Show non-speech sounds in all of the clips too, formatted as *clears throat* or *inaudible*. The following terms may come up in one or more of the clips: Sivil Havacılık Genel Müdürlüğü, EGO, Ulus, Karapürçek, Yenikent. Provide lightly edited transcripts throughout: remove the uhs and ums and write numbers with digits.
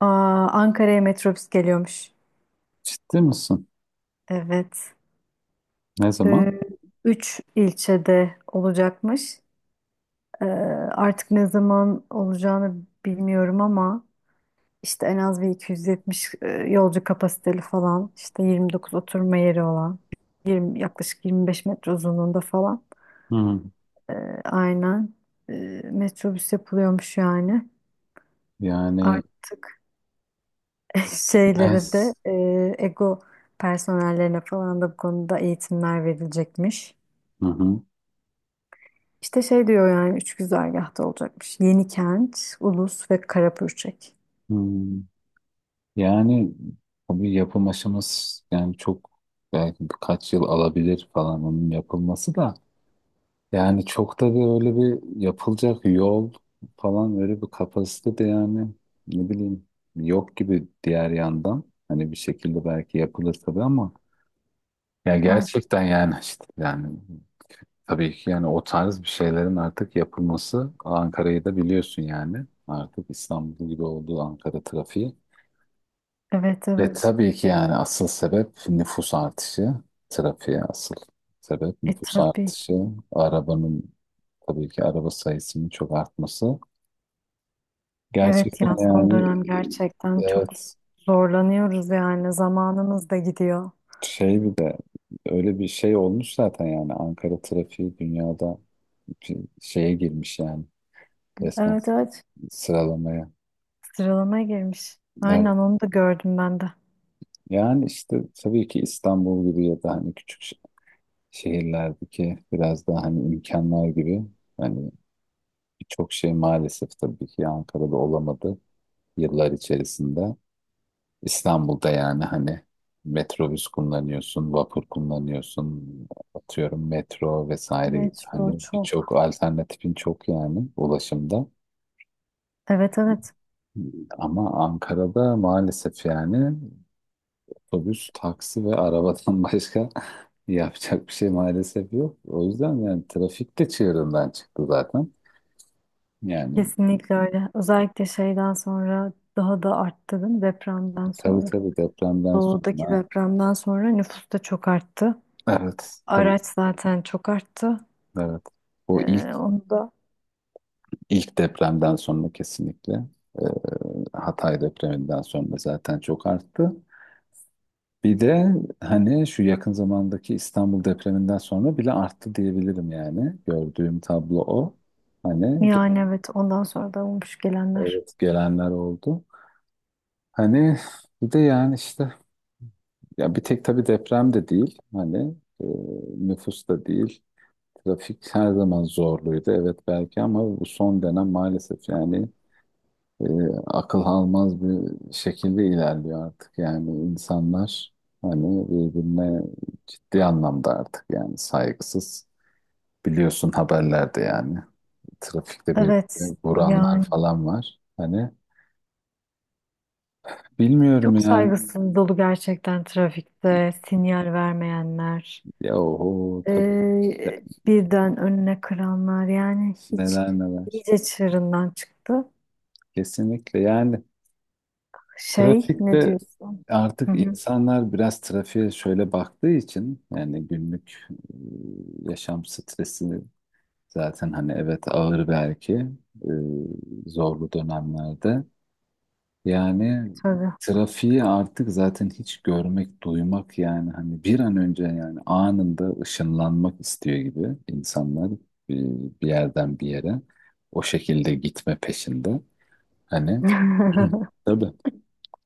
Aa, Ankara'ya metrobüs geliyormuş. Ciddi misin? Evet. Ne zaman? Ee, Üç ilçede olacakmış. Ee, Artık ne zaman olacağını bilmiyorum ama işte en az bir 270 yolcu kapasiteli falan. İşte 29 oturma yeri olan. 20, yaklaşık 25 metre uzunluğunda falan. Hı. Ee, aynen. Ee, Metrobüs yapılıyormuş yani. Yani evet. Artık *laughs* şeylere de EGO personellerine falan da bu konuda eğitimler verilecekmiş. Hı hı. İşte şey diyor yani üç güzergahta olacakmış. Yenikent, Ulus ve Karapürçek. Hı. Yani tabii yapım aşaması yani çok belki birkaç yıl alabilir falan onun yapılması da yani çok da bir öyle bir yapılacak yol falan öyle bir kapasite de yani ne bileyim yok gibi diğer yandan hani bir şekilde belki yapılır tabii ama ya Ay, gerçekten yani işte yani tabii ki yani o tarz bir şeylerin artık yapılması Ankara'yı da biliyorsun yani. Artık İstanbul gibi olduğu Ankara trafiği. evet, Ve evet. tabii ki yani asıl sebep nüfus artışı. Trafiğe asıl sebep E, nüfus tabii ki. artışı. Arabanın tabii ki araba sayısının çok artması. Evet Gerçekten ya, son yani dönem gerçekten çok evet zorlanıyoruz yani, zamanımız da gidiyor. şey bir de öyle bir şey olmuş zaten yani Ankara trafiği dünyada bir şeye girmiş yani resmen Evet, evet, sıralamaya. sıralamaya girmiş. Evet. Aynen, onu da gördüm ben de. Yani işte tabii ki İstanbul gibi ya da hani küçük şehirlerdeki biraz daha hani imkanlar gibi hani birçok şey maalesef tabii ki Ankara'da olamadı yıllar içerisinde. İstanbul'da yani hani metrobüs kullanıyorsun, vapur kullanıyorsun, atıyorum metro vesaire Metro hani birçok çok. alternatifin çok yani ulaşımda. Evet, evet, Ama Ankara'da maalesef yani otobüs, taksi ve arabadan *laughs* başka yapacak bir şey maalesef yok. O yüzden yani trafik de çığırından çıktı zaten. Yani kesinlikle öyle. Özellikle şeyden sonra daha da arttı değil mi, depremden tabii sonra. tabii depremden Doğudaki sonra depremden sonra nüfus da çok arttı. evet tabii Araç zaten çok arttı. evet. O ilk Ee, Onu da ilk depremden sonra kesinlikle e, Hatay depreminden sonra zaten çok arttı. Bir de hani şu yakın zamandaki İstanbul depreminden sonra bile arttı diyebilirim yani. Gördüğüm tablo o. Hani yani evet, ondan sonra da olmuş gelenler. evet gelenler oldu. Hani bir de yani işte ya bir tek tabii deprem de değil hani e, nüfus da değil trafik her zaman zorluydu evet belki ama bu son dönem maalesef yani e, akıl almaz bir şekilde ilerliyor artık yani insanlar hani birbirine ciddi anlamda artık yani saygısız biliyorsun haberlerde yani trafikte Evet birbirine vuranlar yani falan var hani bilmiyorum çok yani saygısız dolu gerçekten trafikte, sinyal vermeyenler. ya oho tabii ne- ee, Birden önüne kıranlar yani, hiç neler neler iyice çığırından çıktı. kesinlikle yani. Şey, ne Trafikte diyorsun? Hı artık hı, insanlar biraz trafiğe şöyle baktığı için yani günlük yaşam stresi zaten hani evet ağır belki zorlu dönemlerde. Yani tabii. trafiği artık zaten hiç görmek, duymak yani hani bir an önce yani anında ışınlanmak istiyor gibi insanlar bir yerden bir yere o şekilde gitme peşinde. Hani *clears throat* *laughs* tabii.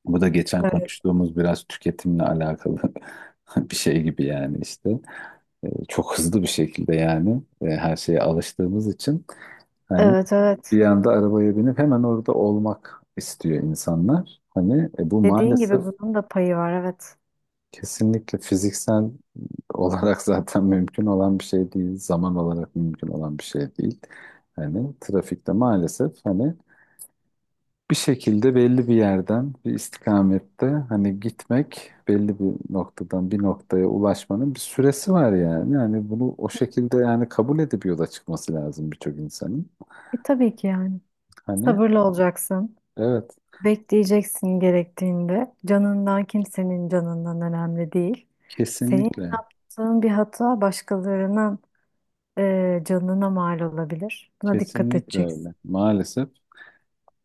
Bu da geçen Evet, konuştuğumuz biraz tüketimle alakalı *laughs* bir şey gibi yani işte. Çok hızlı bir şekilde yani her şeye alıştığımız için hani evet, evet. bir anda arabaya binip hemen orada olmak istiyor insanlar. Hani bu Dediğin gibi maalesef bunun da payı var, evet. kesinlikle fiziksel olarak *laughs* zaten mümkün olan bir şey değil. Zaman olarak mümkün olan bir şey değil. Hani trafikte maalesef hani bir şekilde belli bir yerden, bir istikamette hani gitmek, belli bir noktadan bir noktaya ulaşmanın bir süresi var yani. Yani bunu o şekilde yani kabul edip yola çıkması lazım birçok insanın. E, tabii ki yani. Hani Sabırlı olacaksın. evet, Bekleyeceksin gerektiğinde. Canından, kimsenin canından önemli değil. Senin kesinlikle, yaptığın bir hata başkalarının canına mal olabilir. Buna dikkat kesinlikle edeceksin. öyle. Maalesef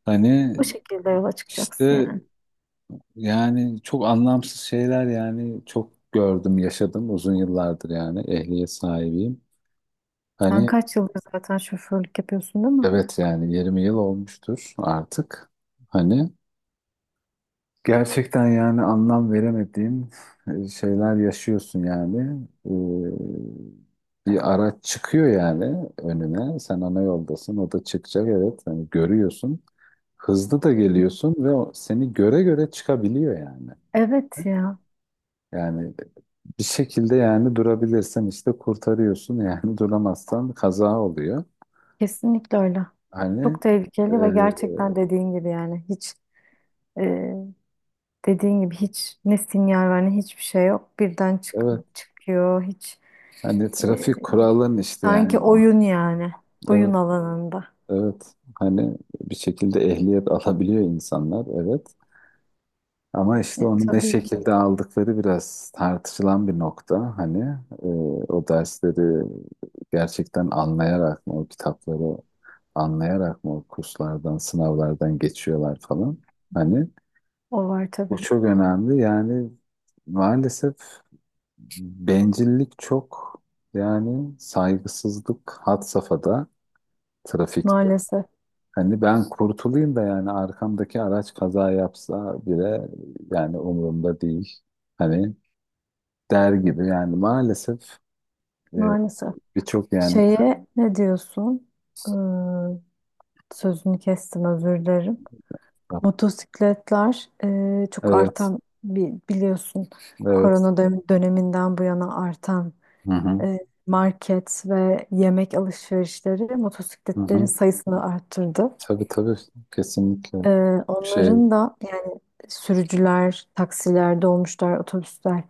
hani Bu şekilde yola çıkacaksın işte yani. yani çok anlamsız şeyler yani çok gördüm, yaşadım uzun yıllardır yani ehliyet sahibiyim. Sen Hani kaç yıldır zaten şoförlük yapıyorsun değil mi? evet yani 20 yıl olmuştur artık. Hani gerçekten yani anlam veremediğim şeyler yaşıyorsun yani. Bir araç çıkıyor yani önüne. Sen ana yoldasın, o da çıkacak evet. Hani görüyorsun. Hızlı da geliyorsun ve o seni göre göre çıkabiliyor yani. Evet ya, Yani bir şekilde yani durabilirsen işte kurtarıyorsun yani *laughs* duramazsan kaza oluyor. kesinlikle öyle. Hani Çok e, tehlikeli ve gerçekten dediğin gibi yani hiç e, dediğin gibi hiç ne sinyal var ne hiçbir şey yok. Birden evet çıkıyor hiç. hani trafik kuralın işte Sanki yani o. oyun yani. Oyun Evet. alanında. Evet, hani bir şekilde ehliyet alabiliyor insanlar, evet. Ama işte E, onu ne tabii ki. şekilde aldıkları biraz tartışılan bir nokta. Hani e, o dersleri gerçekten anlayarak mı, o kitapları anlayarak mı, o kurslardan, sınavlardan geçiyorlar falan. Hani O var bu tabii. çok önemli. Yani maalesef bencillik çok, yani saygısızlık had safhada, trafikte. Maalesef. Hani ben kurtulayım da yani arkamdaki araç kaza yapsa bile yani umurumda değil. Hani der gibi yani maalesef e, Maalesef. birçok yani Şeye ne diyorsun? Ee, Sözünü kestim, özür dilerim. Motosikletler çok evet artan, biliyorsun, evet, korona döneminden bu yana artan hı hı, e, market ve yemek alışverişleri hı motosikletlerin hı, sayısını arttırdı. tabii tabii, kesinlikle, Ee, şey, Onların da yani sürücüler, taksiler, dolmuşlar, otobüsler,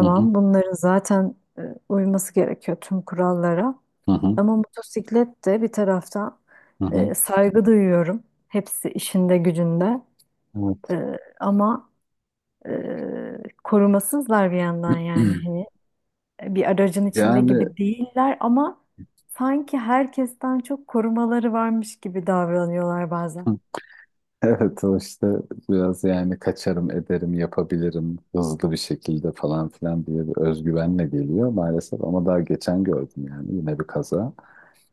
hı hı, bunların zaten uyması gerekiyor tüm kurallara. hı hı, Ama motosiklet de bir taraftan, hı hı. saygı duyuyorum. Hepsi işinde gücünde. Evet E, ama e, korumasızlar bir yandan, yani *clears throat* hani bir aracın içinde yani gibi değiller ama sanki herkesten çok korumaları varmış gibi davranıyorlar bazen. evet o işte biraz yani kaçarım ederim yapabilirim hızlı bir şekilde falan filan diye bir özgüvenle geliyor maalesef ama daha geçen gördüm yani yine bir kaza,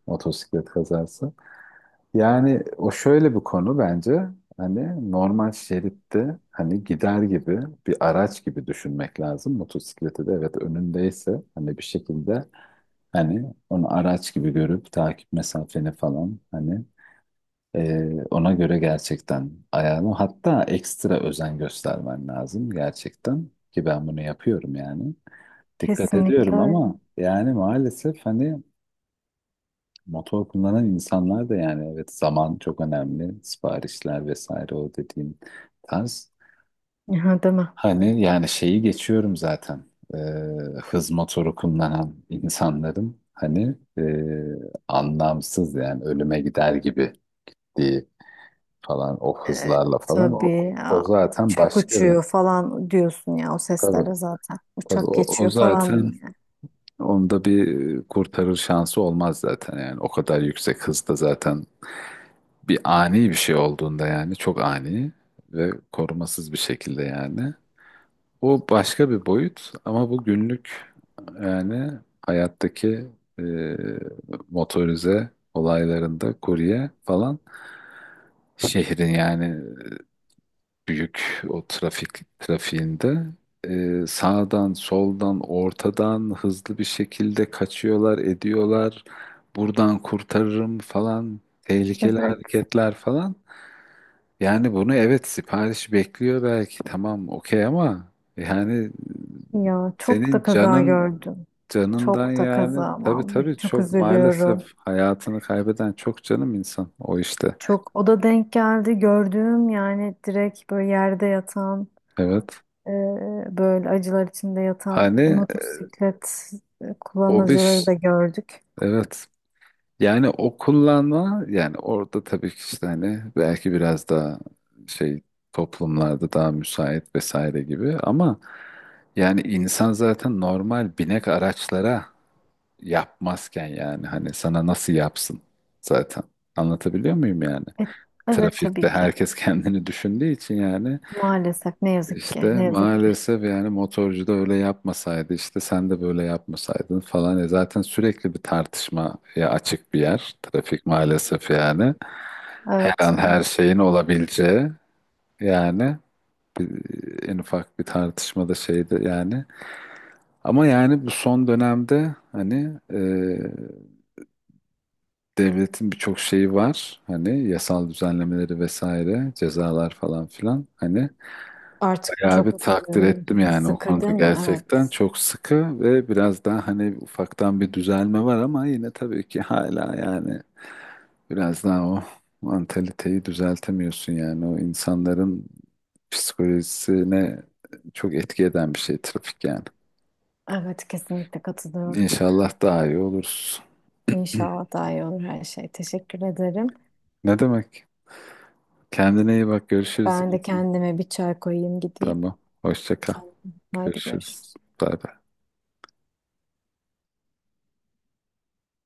motosiklet kazası. Yani o şöyle bir konu bence hani normal şeritte hani gider gibi bir araç gibi düşünmek lazım motosikleti de evet önündeyse hani bir şekilde hani onu araç gibi görüp takip mesafeni falan hani ona göre gerçekten ayağını hatta ekstra özen göstermen lazım gerçekten ki ben bunu yapıyorum yani. Dikkat Kesinlikle ediyorum öyle. ama yani maalesef hani motor kullanan insanlar da yani evet zaman çok önemli siparişler vesaire o dediğim tarz. Aha, değil mi? Hani yani şeyi geçiyorum zaten. Ee, Hız motoru kullanan insanların hani anlamsız yani ölüme gider gibi diye falan o E, hızlarla falan o, tabii o ya, zaten uçak başka bir uçuyor falan diyorsun ya o tabii seslere zaten. tabii Uçak o, o geçiyor falan. zaten Yani. onda bir kurtarır şansı olmaz zaten yani o kadar yüksek hızda zaten bir ani bir şey olduğunda yani çok ani ve korumasız bir şekilde yani o başka bir boyut ama bu günlük yani hayattaki e, motorize olaylarında kurye falan şehrin yani büyük o trafik trafiğinde sağdan soldan ortadan hızlı bir şekilde kaçıyorlar ediyorlar buradan kurtarırım falan tehlikeli Evet hareketler falan yani bunu evet sipariş bekliyor belki tamam okey ama yani ya, çok senin da kaza canın gördüm. canından Çok da yani kaza tabii vallahi, tabii çok çok maalesef üzülüyorum. hayatını kaybeden çok canım insan o işte Çok o da denk geldi gördüğüm yani, direkt böyle yerde yatan, evet e, böyle acılar içinde yatan hani motosiklet o kullanıcıları bir da gördük. evet. Yani o kullanma yani orada tabii ki işte hani belki biraz daha şey toplumlarda daha müsait vesaire gibi ama yani insan zaten normal binek araçlara yapmazken yani hani sana nasıl yapsın zaten anlatabiliyor muyum yani? E, evet Trafikte tabii ki, herkes *laughs* kendini düşündüğü için yani maalesef, ne yazık ki, işte ne yazık ki. maalesef yani motorcu da öyle yapmasaydı işte sen de böyle yapmasaydın falan. E zaten sürekli bir tartışmaya açık bir yer. Trafik maalesef yani. Her Evet, an her evet. şeyin olabileceği yani en ufak bir tartışmada şeydi yani. Ama yani bu son dönemde hani devletin birçok şeyi var. Hani yasal düzenlemeleri vesaire cezalar falan filan. Hani Artık ya bir çok takdir ettim yani o sıkı konuda değil mi? gerçekten Evet. çok sıkı ve biraz daha hani ufaktan bir düzelme var ama yine tabii ki hala yani biraz daha o mantaliteyi düzeltemiyorsun yani o insanların psikolojisine çok etki eden bir şey trafik yani. Evet, kesinlikle katılıyorum. İnşallah daha iyi oluruz. İnşallah daha iyi olur her şey. Teşekkür ederim. Ne demek? Kendine iyi bak, görüşürüz. Ben de kendime bir çay koyayım, gideyim. Tamam. Hoşça kal. Tamam. Haydi, Görüşürüz. görüşürüz. Bay bay.